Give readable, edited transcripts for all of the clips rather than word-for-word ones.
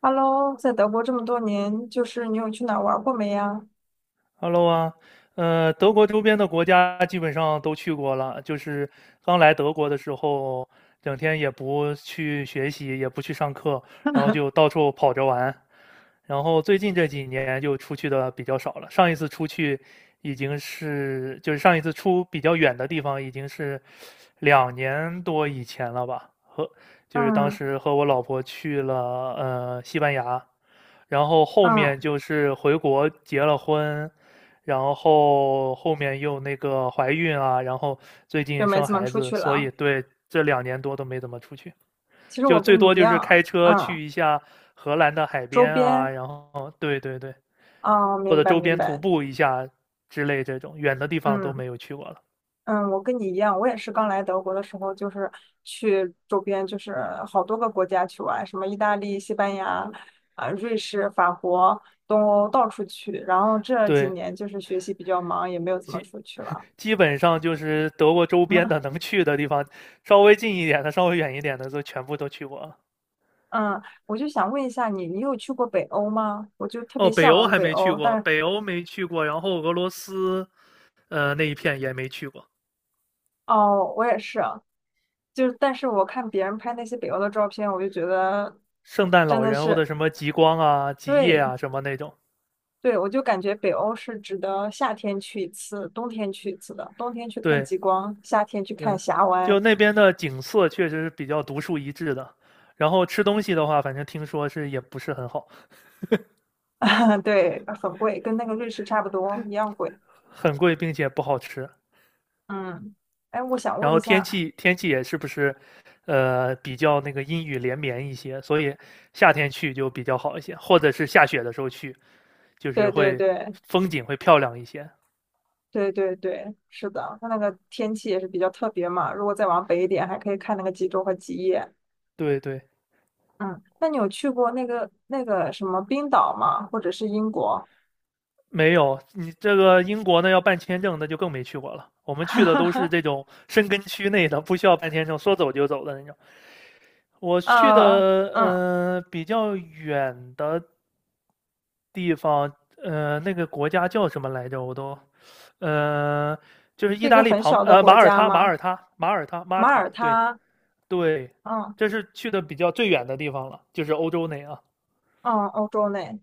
Hello，在德国这么多年，就是你有去哪儿玩过没呀？Hello 啊，德国周边的国家基本上都去过了。就是刚来德国的时候，整天也不去学习，也不去上课，然后就 到处跑着玩。然后最近这几年就出去的比较少了。上一次出去已经是，就是上一次出比较远的地方，已经是2年多以前了吧。就是当嗯时和我老婆去了西班牙，然后后面嗯，就是回国结了婚，然后后面又怀孕啊，然后最就近没生怎么孩出子，去所了。以对，这两年多都没怎么出去。其实就我跟最你多一就是样，开车嗯，去一下荷兰的海周边啊，边，然后对对对，啊，或明者白周明边徒白，步一下之类这种远的地方都嗯没有去过了。嗯，我跟你一样，我也是刚来德国的时候，就是去周边，就是好多个国家去玩，什么意大利、西班牙、啊、瑞士、法国、东欧到处去。然后这几对，年就是学习比较忙，也没有怎么出去了。基本上就是德国周边 的能去的地方，稍微近一点的、稍微远一点的都全部都去过了。嗯，我就想问一下你，你有去过北欧吗？我就特别哦，北向欧往还北没去欧，过，但北欧没去过，然后俄罗斯那一片也没去过，哦，我也是啊，就是但是我看别人拍那些北欧的照片，我就觉得圣诞真老的人或是，者什么极光啊、极夜对啊什么那种。对，我就感觉北欧是值得夏天去一次，冬天去一次的，冬天去看对，极光，夏天去看对，峡就湾，那边的景色确实是比较独树一帜的。然后吃东西的话，反正听说是也不是很好，对，很贵，跟那个瑞士差不多，一样贵。很贵，并且不好吃。嗯，哎，我想然问后一天下，气天气也是不是，比较阴雨连绵一些，所以夏天去就比较好一些，或者是下雪的时候去，就是对对会对，风景会漂亮一些。对对对，是的，它那个天气也是比较特别嘛。如果再往北一点，还可以看那个极昼和极夜。对对，嗯，那你有去过那个什么冰岛吗？或者是英国？没有你这个英国呢要办签证，那就更没去过了。我们去的都是 这种深根区内的，不需要办签证，说走就走的那种。我去的呃，嗯，比较远的地方，那个国家叫什么来着？呃，就是是意一大个利很旁小的马国耳家他，马吗？耳他，马耳他，马马塔，耳对他，对，嗯这是去的比较最远的地方了，就是欧洲内啊。嗯，欧洲内。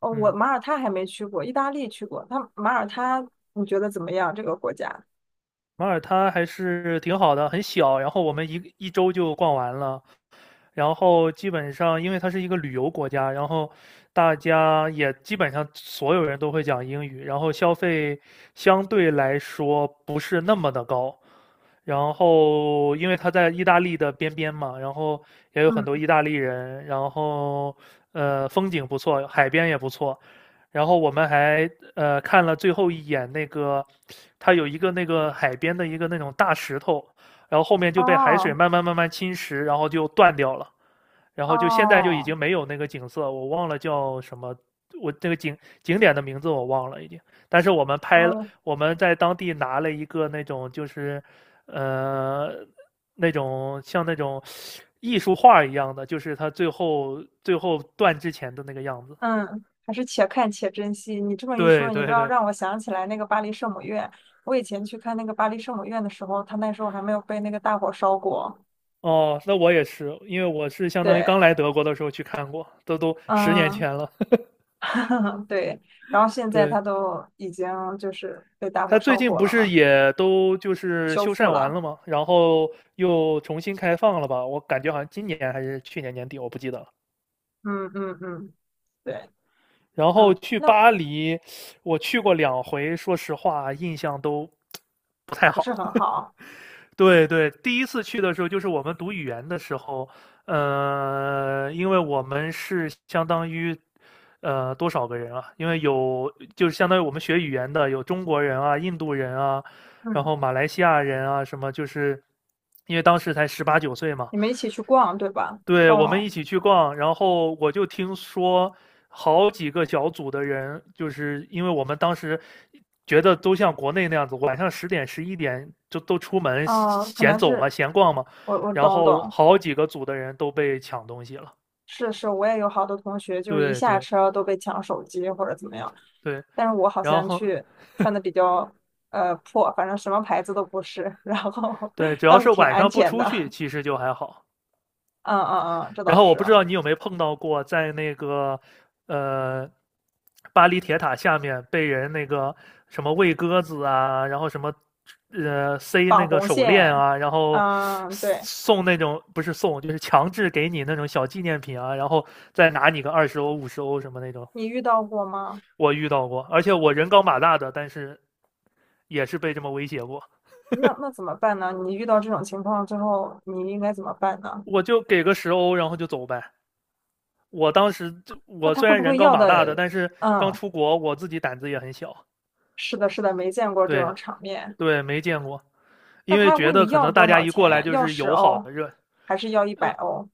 哦，我嗯，马耳他还没去过，意大利去过。它马耳他，你觉得怎么样？这个国家？马耳他还是挺好的，很小，然后我们一周就逛完了。然后基本上，因为它是一个旅游国家，然后大家也基本上所有人都会讲英语，然后消费相对来说不是那么的高。然后，因为它在意大利的边边嘛，然后也有很多嗯，意大利人，然后风景不错，海边也不错。然后我们还看了最后一眼那个，它有一个那个海边的一个那种大石头，然后后面就被海水哦慢慢慢慢侵蚀，然后就断掉了。然后就现在就已哦，经没有那个景色，我忘了叫什么，我这个景点的名字我忘了已经。但是我们拍了，嗯，我们在当地拿了一个那种就是，呃，那种像那种艺术画一样的，就是它最后断之前的那个样子。嗯，还是且看且珍惜。你这么一说，对你知对道对，让我想起来那个巴黎圣母院。我以前去看那个巴黎圣母院的时候，它那时候还没有被那个大火烧过。哦，那我也是，因为我是相当于对，刚来德国的时候去看过，这都十年嗯，前了。对。然后 现在对，它都已经就是被大他火最烧近过不了是嘛，也都就是修修复缮完了。了吗？然后又重新开放了吧？我感觉好像今年还是去年年底，我不记得了。嗯嗯嗯，对，然后嗯，去那巴黎，我去过2回，说实话啊印象都不太不好。是很好。对对，第一次去的时候就是我们读语言的时候，因为我们是相当于，多少个人啊？因为有就是相当于我们学语言的有中国人啊、印度人啊，然嗯，后马来西亚人啊什么，就是因为当时才十八九岁嘛，你们一起去逛，对吧？对，逛我们逛，一起去逛，然后我就听说好几个小组的人，就是因为我们当时觉得都像国内那样子，晚上10点、11点就都出门嗯，可闲能走嘛、是闲逛嘛，我然懂后懂。好几个组的人都被抢东西了。是是，我也有好多同学，就是一对下对车都被抢手机或者怎么样，对，但是我好然像后去穿的比较破，反正什么牌子都不是，然后 对，只要倒是是挺晚安上不全出去，的。其实就还好。嗯嗯嗯，这然倒后我是。不知道你有没有碰到过，在那个呃巴黎铁塔下面被人那个什么喂鸽子啊，然后什么塞绑那个红手链线，啊，然后嗯，对，送那种不是送就是强制给你那种小纪念品啊，然后再拿你个20欧50欧什么那种，你遇到过吗？我遇到过，而且我人高马大的，但是也是被这么威胁过，那那怎么办呢？你遇到这种情况之后，你应该怎么办呢？我就给个十欧，然后就走呗。我当时那我他虽会然不人会高要马大的，的？但是刚嗯，出国，我自己胆子也很小。是的，是的，没见过这对种呀、场面。对，没见过，那因为他觉问得你可要能多大家少一过钱来呀？就要是十友好欧，的热。还是要一百欧？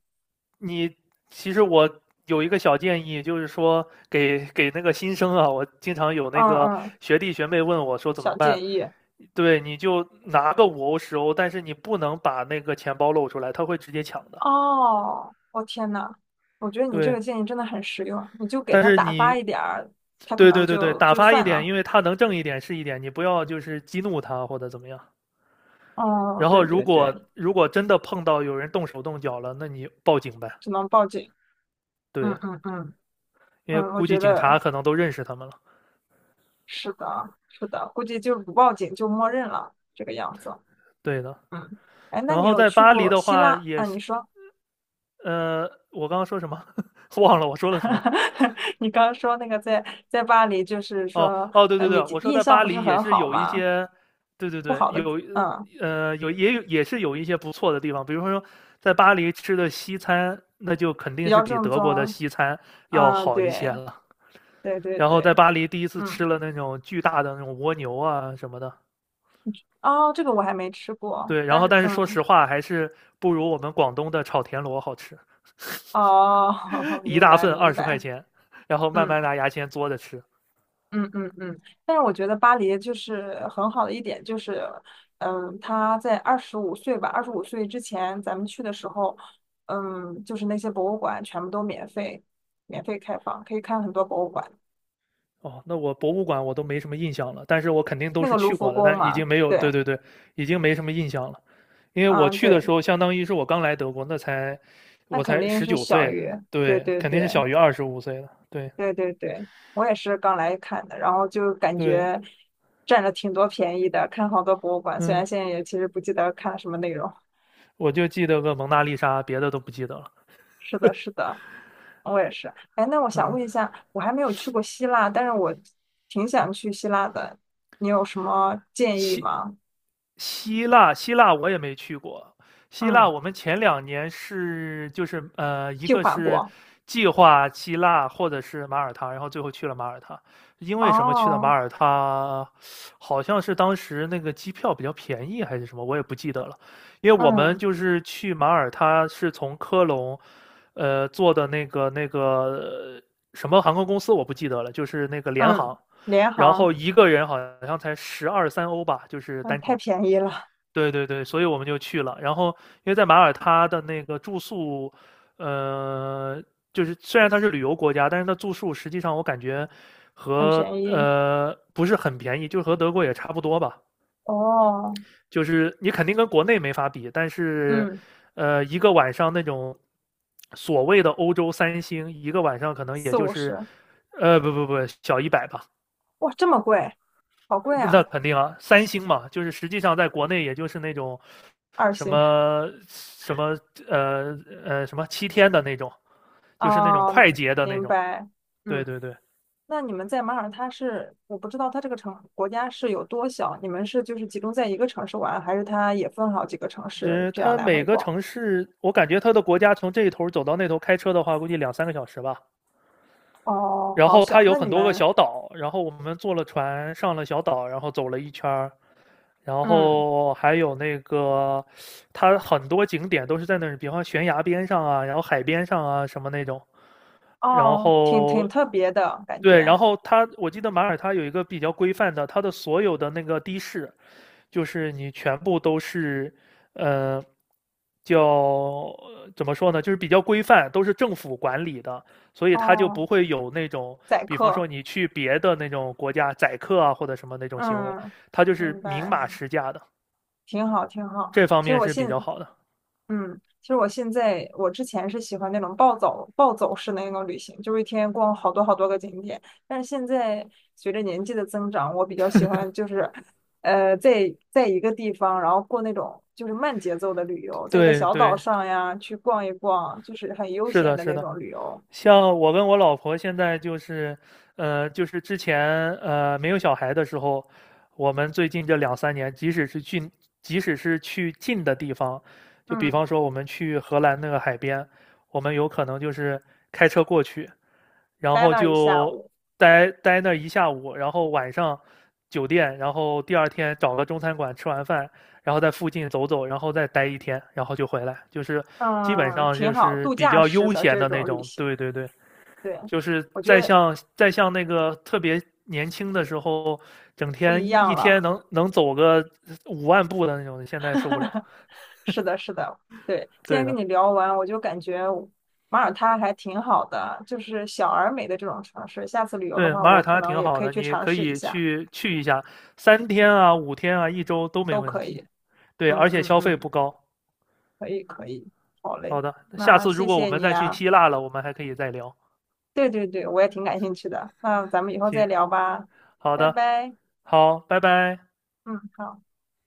你其实我有一个小建议，就是说给那个新生啊，我经常有嗯那个嗯，学弟学妹问我说怎么小办，建议。对，你就拿个5欧十欧，但是你不能把那个钱包露出来，他会直接抢的。哦，我天呐，我觉得你这对，个建议真的很实用，你就给但他是打发你，一点儿，他可对能对对对，就打就发一算点，了。因为他能挣一点是一点，你不要就是激怒他或者怎么样。哦，然后对如对果对，如果真的碰到有人动手动脚了，那你报警呗。只能报警。嗯对，嗯嗯因为嗯，我估计觉警察得可能都认识他们了。是的，是的，估计就是不报警就默认了这个样子。对的。嗯，哎，那然你后有在去巴黎过的希话腊？也啊，你是，说。我刚刚说什么？忘了我说了什么。你刚刚说那个在巴黎，就是哦说，哦，对对对，你我说印在象巴不是黎也很是好有一吗？些，对对不对，好的，有嗯，呃有也有也是有一些不错的地方，比如说在巴黎吃的西餐，那就肯比定是较比正德国的宗，西餐要嗯，好一些对，了。对对然后在对，巴黎第一次吃嗯，了那种巨大的那种蜗牛啊什么的，哦，这个我还没吃过，对，然但后是，但是说嗯，实话还是不如我们广东的炒田螺好吃，哦，一明大白份二明十白，块钱，然后慢嗯。慢拿牙签嘬着吃。嗯嗯嗯，但是我觉得巴黎就是很好的一点，就是，嗯，他在二十五岁吧，二十五岁之前咱们去的时候，嗯，就是那些博物馆全部都免费，免费开放，可以看很多博物馆。哦，那我博物馆我都没什么印象了，但是我肯定都那是个卢去浮过的，宫但已嘛，经没有，对，对对对，已经没什么印象了，因为我嗯去对，的时候相当于是我刚来德国，那我肯才定十是九小岁，于，对对，对肯定是对小于25岁的，对对对对，我也是刚来看的，然后就感对，觉占了挺多便宜的，看好多博物馆，虽嗯，然现在也其实不记得看什么内容。我就记得个蒙娜丽莎，别的都不记得了，是的，是的。我也是。哎，那我想嗯，问一下，我还没有去过希腊，但是我挺想去希腊的，你有什么建议七。吗？希腊，希腊我也没去过。希腊嗯，我们前两年是就是一计个划是过。计划希腊或者是马耳他，然后最后去了马耳他。因为什么去的马哦，耳他？好像是当时那个机票比较便宜还是什么，我也不记得了。因为我们嗯就是去马耳他是从科隆，坐的那个什么航空公司我不记得了，就是那个联嗯，航。联然后航，一个人好像才十二三欧吧，就是嗯，单太程。便宜了，对对对，所以我们就去了。然后，因为在马耳他的那个住宿，呃，就是虽然它是旅游国家，但是它住宿实际上我感觉很和便宜。不是很便宜，就和德国也差不多吧。哦，就是你肯定跟国内没法比，但是，嗯，一个晚上那种所谓的欧洲三星，一个晚上可能也四就五是，十，不不不，小100吧，哇，这么贵，好贵那啊，肯定啊，三星嘛，就是实际上在国内也就是那种二什星。么什么呃什么七天的那种，就是那种哦，快捷的那明种。白。对嗯。对对，那你们在马耳他是，我不知道它这个城国家是有多小，你们是就是集中在一个城市玩，还是它也分好几个城就市是这样它来回每个逛？城市，我感觉它的国家从这一头走到那头开车的话，估计两三个小时吧。哦，然好后它小，有那你很多个们，小岛，然后我们坐了船上了小岛，然后走了一圈儿，然嗯，后还有那个它很多景点都是在那儿，比方悬崖边上啊，然后海边上啊什么那种。然哦，挺后挺特别的感对，然觉，后它我记得马耳他有一个比较规范的，它的所有的那个的士，就是你全部都是，呃，叫怎么说呢，就是比较规范，都是政府管理的，所以它就不哦，会有那种，宰比方说客，你去别的那种国家宰客啊或者什么那种行为，嗯，它就是明明白，码实价的，挺好挺好。这方其实面我是比现较好的。嗯，其实我现在，我之前是喜欢那种暴走式的那种旅行，就是一天逛好多好多个景点。但是现在随着年纪的增长，我比较喜欢就是，在一个地方，然后过那种就是慢节奏的旅游，在一个对小岛对，上呀去逛一逛，就是很悠是闲的，的是那的。种旅游。像我跟我老婆现在就是，就是之前没有小孩的时候，我们最近这两三年，即使是去近的地方，就比嗯，方说我们去荷兰那个海边，我们有可能就是开车过去，然待后那儿一下就午，待那一下午，然后晚上酒店，然后第二天找个中餐馆吃完饭，然后在附近走走，然后再待一天，然后就回来，就是基本嗯，上挺就好，是度比假较式悠的闲这的那种旅种。行，对对对，对，就是我觉再得像再像那个特别年轻的时候，整不天一一一样天了。能走个5万步的那种，现在哈受不了。哈，是的，是的，对，今对天跟的，你聊完，我就感觉马耳他还挺好的，就是小而美的这种城市。下次旅游的对，话，马我耳可他能挺也好可以的，去你尝可试一以下，去去一下，3天啊、5天啊、一周都没都问可题。以。对，嗯而且嗯消费嗯，不高。可以可以，好嘞，好的，下那次如谢果我谢们你再去啊。希腊了，我们还可以再聊。对对对，我也挺感兴趣的。那咱们以后再行，聊吧，好拜的，拜。好，拜拜。嗯，好。